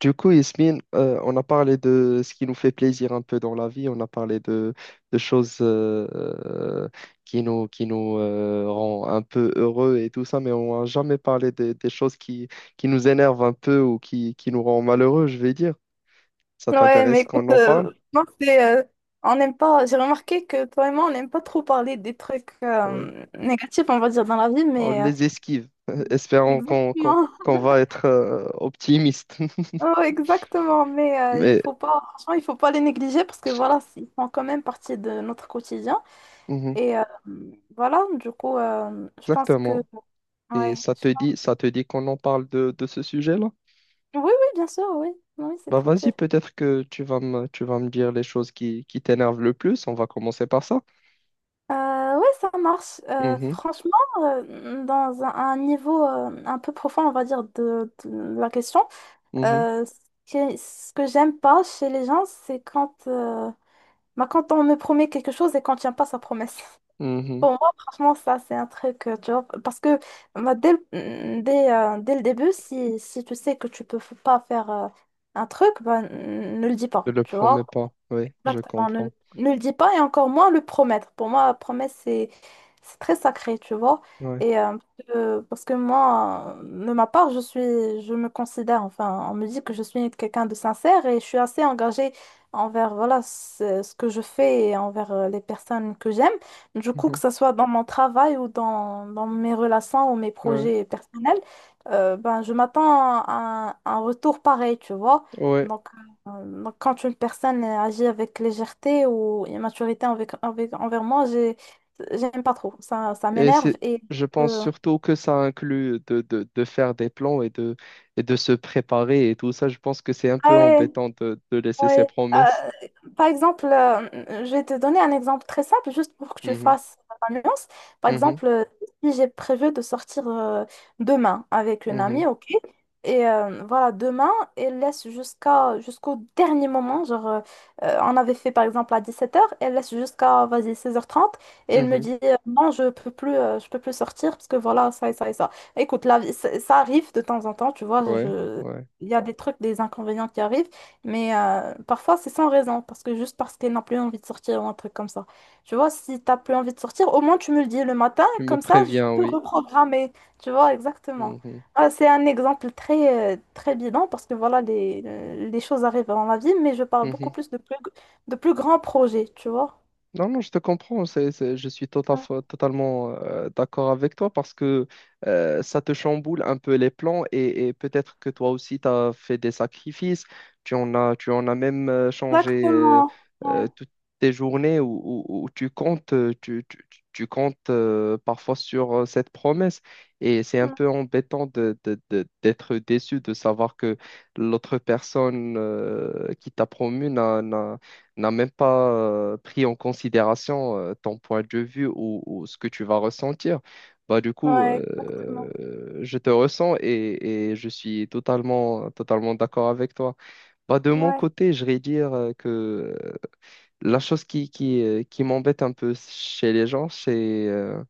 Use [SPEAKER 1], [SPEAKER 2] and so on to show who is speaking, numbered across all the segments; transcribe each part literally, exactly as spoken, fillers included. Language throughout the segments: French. [SPEAKER 1] Du coup, Yasmine, euh, on a parlé de ce qui nous fait plaisir un peu dans la vie, on a parlé de, de choses euh, euh, qui nous, qui nous euh, rend un peu heureux et tout ça, mais on n'a jamais parlé des des choses qui, qui nous énervent un peu ou qui, qui nous rend malheureux, je vais dire. Ça
[SPEAKER 2] Ouais, mais
[SPEAKER 1] t'intéresse
[SPEAKER 2] écoute,
[SPEAKER 1] qu'on en parle?
[SPEAKER 2] euh, moi, c'est, euh, on n'aime pas, j'ai remarqué que toi et moi, on n'aime pas trop parler des trucs
[SPEAKER 1] Ouais.
[SPEAKER 2] euh, négatifs, on va dire, dans la vie,
[SPEAKER 1] On
[SPEAKER 2] mais euh,
[SPEAKER 1] les esquive, espérons qu'on qu'on,
[SPEAKER 2] exactement,
[SPEAKER 1] qu'on va être euh, optimiste.
[SPEAKER 2] Oh, exactement, mais euh, il
[SPEAKER 1] Mais
[SPEAKER 2] faut pas, franchement, il faut pas les négliger parce que voilà, ils font quand même partie de notre quotidien.
[SPEAKER 1] mhm,
[SPEAKER 2] Et euh, voilà, du coup, euh, je pense que,
[SPEAKER 1] exactement. Et
[SPEAKER 2] ouais,
[SPEAKER 1] ça
[SPEAKER 2] je-
[SPEAKER 1] te dit,
[SPEAKER 2] pense-
[SPEAKER 1] ça te dit qu'on en parle de, de ce sujet-là?
[SPEAKER 2] oui, oui, bien sûr, oui, oui, c'est
[SPEAKER 1] Bah vas-y,
[SPEAKER 2] tranquille.
[SPEAKER 1] peut-être que tu vas me, tu vas me dire les choses qui, qui t'énervent le plus. On va commencer par ça.
[SPEAKER 2] Euh, ouais, ça marche. Euh,
[SPEAKER 1] Mhm,
[SPEAKER 2] franchement, euh, dans un, un niveau euh, un peu profond, on va dire, de, de la question,
[SPEAKER 1] mhm,
[SPEAKER 2] euh, ce que, ce que j'aime pas chez les gens, c'est quand, euh, bah, quand on me promet quelque chose et qu'on tient pas sa promesse.
[SPEAKER 1] mhm.
[SPEAKER 2] Pour moi, franchement, ça, c'est un truc, euh, tu vois, parce que bah, dès, le- mm, dès, euh, dès le début, si, si tu sais que tu peux f- pas faire euh, un truc, bah, mm, ne le dis
[SPEAKER 1] Je
[SPEAKER 2] pas,
[SPEAKER 1] le
[SPEAKER 2] tu
[SPEAKER 1] promets
[SPEAKER 2] vois.
[SPEAKER 1] pas. Oui, je
[SPEAKER 2] Exactement, ne,
[SPEAKER 1] comprends.
[SPEAKER 2] ne le dis pas et encore moins le promettre. Pour moi, la promesse, c'est c'est très sacré, tu vois.
[SPEAKER 1] Ouais,
[SPEAKER 2] Et euh, euh, parce que moi, euh, de ma part, je suis, je me considère, enfin, on me dit que je suis quelqu'un de sincère et je suis assez engagée envers, voilà, ce, ce que je fais et envers euh, les personnes que j'aime. Du coup, que
[SPEAKER 1] mhm,
[SPEAKER 2] ce soit dans mon travail ou dans, dans mes relations ou mes
[SPEAKER 1] ouais,
[SPEAKER 2] projets personnels, euh, ben, je m'attends à un, un retour pareil, tu vois.
[SPEAKER 1] ouais.
[SPEAKER 2] Donc, euh, donc, quand une personne euh, agit avec légèreté ou immaturité avec, avec- envers moi, j'ai, j'aime pas trop. Ça, ça
[SPEAKER 1] Et
[SPEAKER 2] m'énerve
[SPEAKER 1] c'est,
[SPEAKER 2] et
[SPEAKER 1] je pense
[SPEAKER 2] euh,
[SPEAKER 1] surtout que ça inclut de, de, de faire des plans et de, et de se préparer et tout ça. Je pense que c'est un peu
[SPEAKER 2] ouais,
[SPEAKER 1] embêtant de, de laisser ses
[SPEAKER 2] Ouais,
[SPEAKER 1] promesses.
[SPEAKER 2] euh, Par exemple, euh, je vais te donner un exemple très simple, juste pour que tu
[SPEAKER 1] Mhm,
[SPEAKER 2] fasses la nuance. Par
[SPEAKER 1] mhm,
[SPEAKER 2] exemple, euh, si j'ai prévu de sortir euh, demain avec une
[SPEAKER 1] mhm,
[SPEAKER 2] amie, ok, et euh, voilà, demain, elle laisse jusqu'à jusqu'au dernier moment, genre, euh, euh, on avait fait par exemple à dix-sept heures, elle laisse jusqu'à, vas-y, seize heures trente, et elle me
[SPEAKER 1] mhm.
[SPEAKER 2] dit, euh, non, je peux plus, euh, je peux plus sortir, parce que voilà, ça et ça et ça. Écoute, la vie, ça ça arrive de temps en temps, tu vois,
[SPEAKER 1] Ouais,
[SPEAKER 2] je...
[SPEAKER 1] ouais.
[SPEAKER 2] il y a des trucs, des inconvénients qui arrivent. Mais euh, parfois, c'est sans raison, parce que juste parce qu'elle n'a plus envie de sortir ou un truc comme ça. Tu vois, si t'as plus envie de sortir, au moins tu me le dis le matin,
[SPEAKER 1] Tu me
[SPEAKER 2] comme ça, je
[SPEAKER 1] préviens,
[SPEAKER 2] peux
[SPEAKER 1] oui.
[SPEAKER 2] reprogrammer. Tu vois, exactement.
[SPEAKER 1] Mhm,
[SPEAKER 2] Ah, c'est un exemple très, euh, très bidon, parce que voilà, les, euh, les choses arrivent dans la vie, mais je parle beaucoup
[SPEAKER 1] mhm.
[SPEAKER 2] plus de plus, de plus grands projets, tu vois.
[SPEAKER 1] Non, non, je te comprends. C'est, c'est- je suis tota-
[SPEAKER 2] Ouais.
[SPEAKER 1] totalement euh, d'accord avec toi parce que euh, ça te chamboule un peu les plans et, et peut-être que toi aussi, tu as fait des sacrifices. Tu en as, tu en as même euh, changé euh,
[SPEAKER 2] Exactement. Ouais.
[SPEAKER 1] euh, toutes tes journées où, où- où tu comptes, euh, tu, tu- tu- tu comptes euh, parfois sur euh, cette promesse. Et c'est un
[SPEAKER 2] Mm.
[SPEAKER 1] peu embêtant de, de- de- d'être déçu de savoir que l'autre personne euh, qui t'a promu n'a même pas euh, pris en considération euh, ton point de vue ou, ou ce que tu vas ressentir. Bah, du coup,
[SPEAKER 2] Ouais,
[SPEAKER 1] euh,
[SPEAKER 2] exactement.
[SPEAKER 1] je te ressens et, et je suis totalement, totalement d'accord avec toi. Bah, de mon
[SPEAKER 2] Ouais.
[SPEAKER 1] côté, je vais dire euh, que euh, la chose qui, qui, euh, qui m'embête un peu chez les gens, c'est, euh,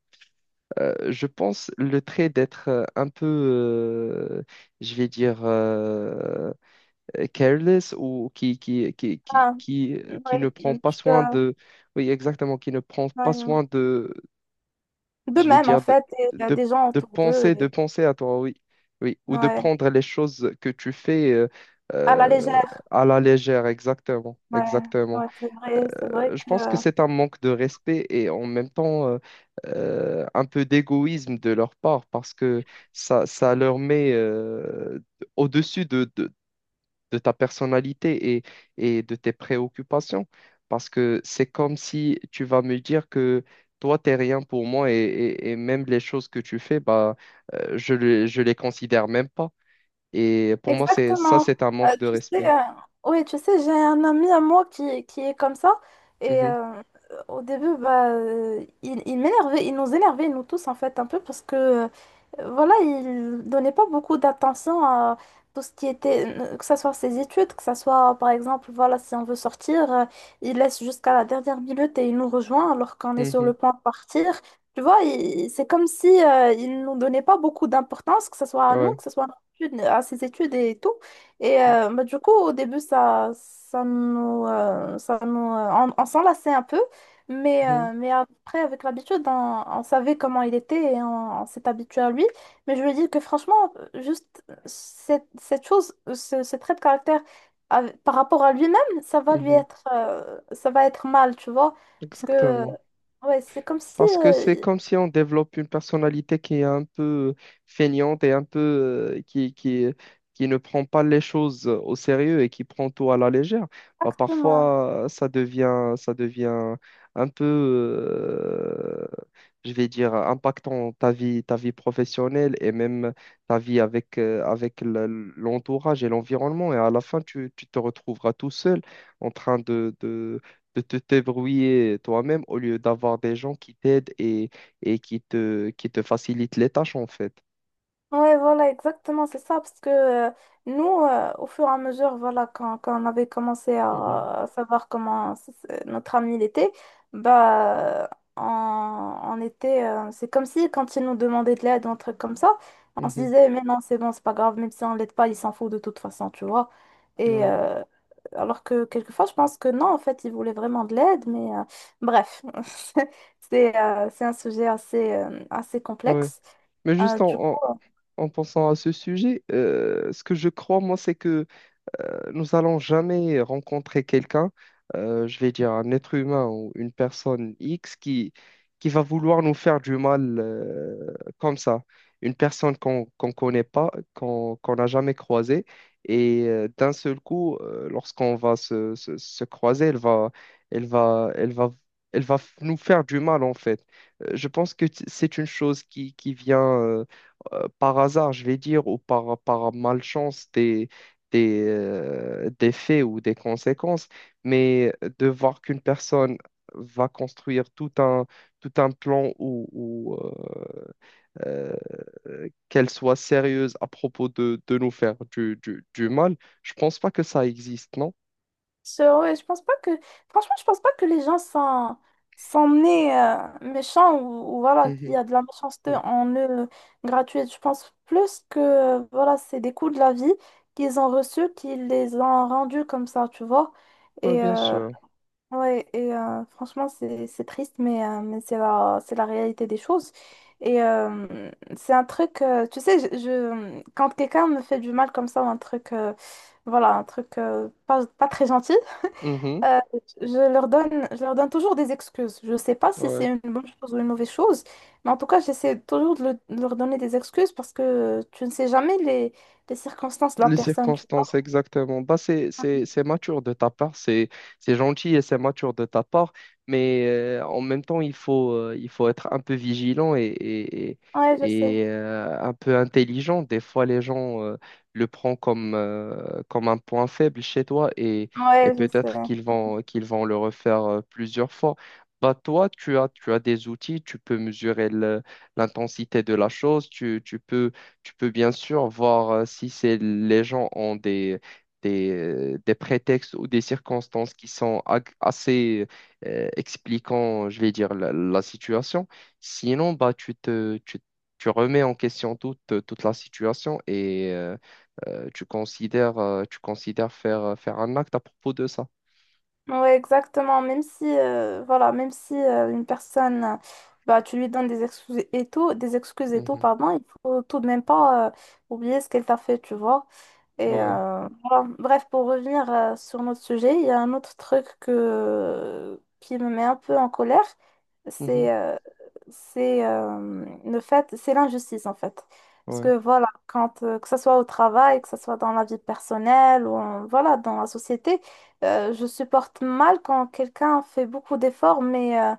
[SPEAKER 1] euh, je pense, le trait d'être euh, un peu, euh, je vais dire, euh, careless ou qui, qui, qui, qui,
[SPEAKER 2] Ah.
[SPEAKER 1] qui, qui ne
[SPEAKER 2] Ouais.
[SPEAKER 1] prend pas
[SPEAKER 2] Tu, euh,
[SPEAKER 1] soin de, oui, exactement, qui ne prend pas
[SPEAKER 2] ouais.
[SPEAKER 1] soin de,
[SPEAKER 2] De
[SPEAKER 1] je vais
[SPEAKER 2] même, en
[SPEAKER 1] dire, de,
[SPEAKER 2] fait, il y a
[SPEAKER 1] de,
[SPEAKER 2] des gens
[SPEAKER 1] de
[SPEAKER 2] autour d'eux.
[SPEAKER 1] penser, de
[SPEAKER 2] Et
[SPEAKER 1] penser à toi, oui, oui, ou de
[SPEAKER 2] Ouais.
[SPEAKER 1] prendre les choses que tu fais euh,
[SPEAKER 2] à la
[SPEAKER 1] euh,
[SPEAKER 2] légère.
[SPEAKER 1] à la légère, exactement,
[SPEAKER 2] Ouais,
[SPEAKER 1] exactement.
[SPEAKER 2] ouais, c'est vrai. C'est vrai
[SPEAKER 1] Euh, Je
[SPEAKER 2] que
[SPEAKER 1] pense que
[SPEAKER 2] euh,
[SPEAKER 1] c'est un manque de respect et en même temps euh, euh, un peu d'égoïsme de leur part parce que ça, ça leur met euh, au-dessus de de, de ta personnalité et, et de tes préoccupations. Parce que c'est comme si tu vas me dire que toi, t'es rien pour moi et, et- et même les choses que tu fais, bah, euh, je le- je les considère même pas. Et pour moi, c'est ça,
[SPEAKER 2] exactement.
[SPEAKER 1] c'est un
[SPEAKER 2] Euh,
[SPEAKER 1] manque de
[SPEAKER 2] tu sais,
[SPEAKER 1] respect.
[SPEAKER 2] euh, oui, tu sais, j'ai un ami à moi qui, qui est comme ça. Et
[SPEAKER 1] Mhm,
[SPEAKER 2] euh, au début, bah, euh, il, il m'énervait, il nous énervait, nous tous, en fait, un peu, parce que, euh, voilà, il donnait pas beaucoup d'attention à tout ce qui était, euh, que ce soit ses études, que ce soit, par exemple, voilà, si on veut sortir, euh, il laisse jusqu'à la dernière minute et il nous rejoint alors qu'on est sur le
[SPEAKER 1] mhm,
[SPEAKER 2] point de partir. Tu vois, il- c'est comme si, euh, il nous donnait pas beaucoup d'importance, que ce soit à nous,
[SPEAKER 1] ouais.
[SPEAKER 2] que ce soit études- à ses études et tout. Et euh, bah, du coup, au début, ça, ça nous, euh, ça nous, euh, on, on s'enlaçait un peu, mais,
[SPEAKER 1] Mhm,
[SPEAKER 2] euh, mais après, avec l'habitude, on, on savait comment il était et on, on s'est habitué à lui. Mais je lui dis que franchement, euh, juste euh, cette, cette chose, euh, ce, ce trait de caractère avec- par rapport à lui-même, ça va lui
[SPEAKER 1] mhm,
[SPEAKER 2] être, euh, ça va être mal, tu vois. Parce que, euh,
[SPEAKER 1] exactement.
[SPEAKER 2] ouais, c'est comme si...
[SPEAKER 1] Parce que c'est
[SPEAKER 2] euh,
[SPEAKER 1] comme si on développe une personnalité qui est un peu euh, feignante et un peu euh, qui, qui, qui ne prend pas les choses euh, au sérieux et qui prend tout à la légère. Bah,
[SPEAKER 2] Exactement.
[SPEAKER 1] parfois, ça devient, ça devient un peu, euh, je vais dire, impactant ta vie, ta vie professionnelle et même ta vie avec, euh, avec le- l'entourage et l'environnement. Et à la fin, tu, tu te retrouveras tout seul en train de de te débrouiller toi-même au lieu d'avoir des gens qui t'aident et, et qui te, qui te facilitent les tâches, en fait.
[SPEAKER 2] Ouais, voilà, exactement, c'est ça, parce que euh, nous, euh, au fur et à mesure, voilà, quand, quand on avait commencé
[SPEAKER 1] Mhm,
[SPEAKER 2] à, à savoir comment s- s- notre ami il était, bah, on, on était, euh, c'est comme si quand il nous demandait de l'aide, un truc comme ça, on se
[SPEAKER 1] mhm,
[SPEAKER 2] disait, mais non, c'est bon, c'est pas grave, même si on l'aide pas, il s'en fout de toute façon, tu vois. Et
[SPEAKER 1] ouais,
[SPEAKER 2] euh, alors que quelquefois, je pense que non, en fait, il voulait vraiment de l'aide, mais euh, bref, c'est euh, c'est un sujet assez, euh, assez
[SPEAKER 1] ouais.
[SPEAKER 2] complexe.
[SPEAKER 1] Mais
[SPEAKER 2] Euh,
[SPEAKER 1] juste
[SPEAKER 2] du coup,
[SPEAKER 1] en, en, en pensant à ce sujet, euh, ce que je crois, moi, c'est que nous allons jamais rencontrer quelqu'un, euh, je vais dire un être humain ou une personne X qui, qui va vouloir nous faire du mal euh, comme ça. Une personne qu'on qu'on connaît pas, qu'on qu'on n'a jamais croisée. Et euh, d'un seul coup, euh, lorsqu'on va se, se, se croiser, elle va, elle va, elle va, elle va f- nous faire du mal en fait. Euh, Je pense que t- c'est une chose qui, qui vient euh, euh, par hasard, je vais dire, ou par, par malchance des, euh, des faits ou des conséquences, mais de voir qu'une personne va construire tout un, tout un plan ou, ou, euh, euh, qu'elle soit sérieuse à propos de, de nous faire du, du, du mal, je pense pas que ça existe, non?
[SPEAKER 2] C'est vrai, je pense pas que. Franchement, je pense pas que les gens sont, sont nés euh, méchants ou, ou voilà, qu'il
[SPEAKER 1] Mhm.
[SPEAKER 2] y a de la méchanceté en eux euh, gratuite. Je pense plus que euh, voilà, c'est des coups de la vie qu'ils ont reçus, qu'ils les ont rendus comme ça, tu vois.
[SPEAKER 1] Ouais,
[SPEAKER 2] Et
[SPEAKER 1] bien
[SPEAKER 2] euh,
[SPEAKER 1] sûr.
[SPEAKER 2] ouais, et euh, franchement, c'est c'est triste, mais, euh, mais c'est la, c'est la réalité des choses. Et euh, c'est un truc, euh, tu sais, je, je- quand quelqu'un me fait du mal comme ça, ou un truc, euh, voilà, un truc euh, pas, pas très gentil.
[SPEAKER 1] Mhm.
[SPEAKER 2] Euh, je leur donne, je leur donne toujours des excuses. Je ne sais pas si
[SPEAKER 1] Ouais.
[SPEAKER 2] c'est une bonne chose ou une mauvaise chose, mais en tout cas, j'essaie toujours de, le- de leur donner des excuses parce que euh, tu ne sais jamais les, les circonstances de la
[SPEAKER 1] Les
[SPEAKER 2] personne, tu
[SPEAKER 1] circonstances,
[SPEAKER 2] vois.
[SPEAKER 1] exactement. Bah, c'est, c'est, c'est mature de ta part, c'est, c'est gentil et c'est mature de ta part, mais euh, en même temps, il faut, euh, il faut être un peu vigilant et, et, et-
[SPEAKER 2] Ouais, je sais.
[SPEAKER 1] et, euh, un peu intelligent. Des fois, les gens euh, le prennent comme, euh, comme un point faible chez toi et, et
[SPEAKER 2] Ouais, je sais.
[SPEAKER 1] peut-être qu'ils vont, qu'ils vont le refaire euh, plusieurs fois. Bah, toi, tu as, tu as des outils, tu peux mesurer le- l'intensité de la chose, tu, tu peux tu peux bien sûr voir euh, si c'est, les gens ont des, des, euh, des prétextes ou des circonstances qui sont ag- assez euh, expliquant, je vais dire, la, la situation. Sinon, bah, tu te, tu, tu remets en question toute, toute la situation et euh, euh, tu considères, euh, tu considères faire, euh, faire un acte à propos de ça.
[SPEAKER 2] Ouais, exactement. Même si, euh, voilà, même si euh, une personne, euh, bah, tu lui donnes des excuses et tout, des excuses et tout,
[SPEAKER 1] Mhm.
[SPEAKER 2] pardon, il faut tout de même pas euh, oublier ce qu'elle t'a fait, tu vois. Et
[SPEAKER 1] Ouais.
[SPEAKER 2] euh, voilà. Bref, pour revenir euh, sur notre sujet, il y a un autre truc que, qui me met un peu en colère,
[SPEAKER 1] Mhm.
[SPEAKER 2] c'est euh, c'est euh, le fait, c'est l'injustice en fait. Parce
[SPEAKER 1] Ouais.
[SPEAKER 2] que voilà, quand, euh, que ce soit au travail, que ce soit dans la vie personnelle ou en- voilà, dans la société, euh, je supporte mal quand quelqu'un fait beaucoup d'efforts, mais euh,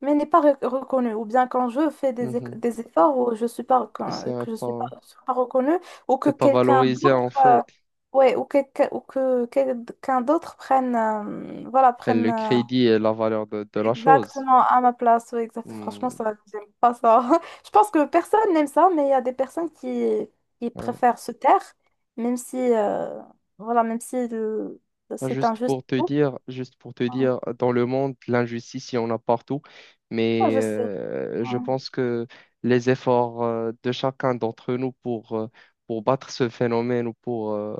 [SPEAKER 2] mais n'est pas re- reconnue. Ou bien quand je fais des, eff-
[SPEAKER 1] Mhm.
[SPEAKER 2] des efforts ou je suis pas,
[SPEAKER 1] Et
[SPEAKER 2] recon-
[SPEAKER 1] c'est
[SPEAKER 2] que je suis pas,
[SPEAKER 1] pas,
[SPEAKER 2] je suis pas reconnue, ou que
[SPEAKER 1] c'est pas
[SPEAKER 2] quelqu'un
[SPEAKER 1] valorisé en
[SPEAKER 2] d'autre, euh,
[SPEAKER 1] fait.
[SPEAKER 2] ouais, ou, quelqu'un- ou que quelqu'un d'autre prenne, euh, voilà,
[SPEAKER 1] Prennent
[SPEAKER 2] prenne
[SPEAKER 1] le
[SPEAKER 2] euh,
[SPEAKER 1] crédit et la valeur de, de la chose.
[SPEAKER 2] exactement à ma place. Ouais, exact. Franchement,
[SPEAKER 1] Hmm.
[SPEAKER 2] ça, j'aime pas ça. Je pense que personne n'aime ça, mais il y a des personnes qui, qui
[SPEAKER 1] Ouais.
[SPEAKER 2] préfèrent se taire, même si, euh, voilà, même si le-
[SPEAKER 1] Pas
[SPEAKER 2] c'est
[SPEAKER 1] Juste
[SPEAKER 2] injuste.
[SPEAKER 1] pour te dire, juste pour te
[SPEAKER 2] Ouais.
[SPEAKER 1] dire, dans le monde, l'injustice, il y en a partout,
[SPEAKER 2] Ouais,
[SPEAKER 1] mais
[SPEAKER 2] je sais.
[SPEAKER 1] euh, je
[SPEAKER 2] Ouais.
[SPEAKER 1] pense que les efforts euh, de chacun d'entre nous pour, euh, pour battre ce phénomène ou pour euh,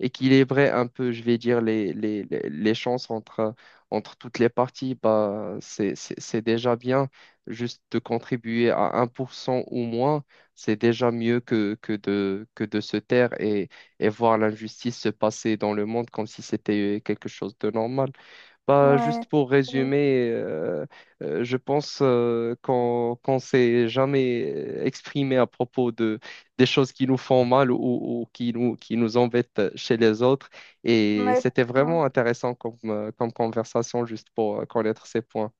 [SPEAKER 1] équilibrer un peu, je vais dire, les, les, les, les chances entre, entre toutes les parties, bah, c'est, c'est, c'est déjà bien. Juste de contribuer à un pour cent ou moins, c'est déjà mieux que, que de, que de se taire et voir l'injustice se passer dans le monde comme si c'était euh, quelque chose de normal. Bah, juste
[SPEAKER 2] Ouais.
[SPEAKER 1] pour résumer, euh, euh, je pense euh, qu'on qu'on s'est jamais euh, exprimé à propos de des choses qui nous font mal ou, ou qui nous qui nous embêtent chez les autres. Et
[SPEAKER 2] Ouais.
[SPEAKER 1] c'était
[SPEAKER 2] Ouais.
[SPEAKER 1] vraiment intéressant comme, euh, comme conversation juste pour euh, connaître ces points.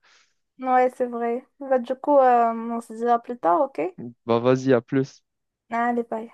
[SPEAKER 2] Ouais, c'est vrai. Bah, du coup, euh, on se dira plus tard, ok?
[SPEAKER 1] Bah, vas-y, à plus.
[SPEAKER 2] Allez, bye.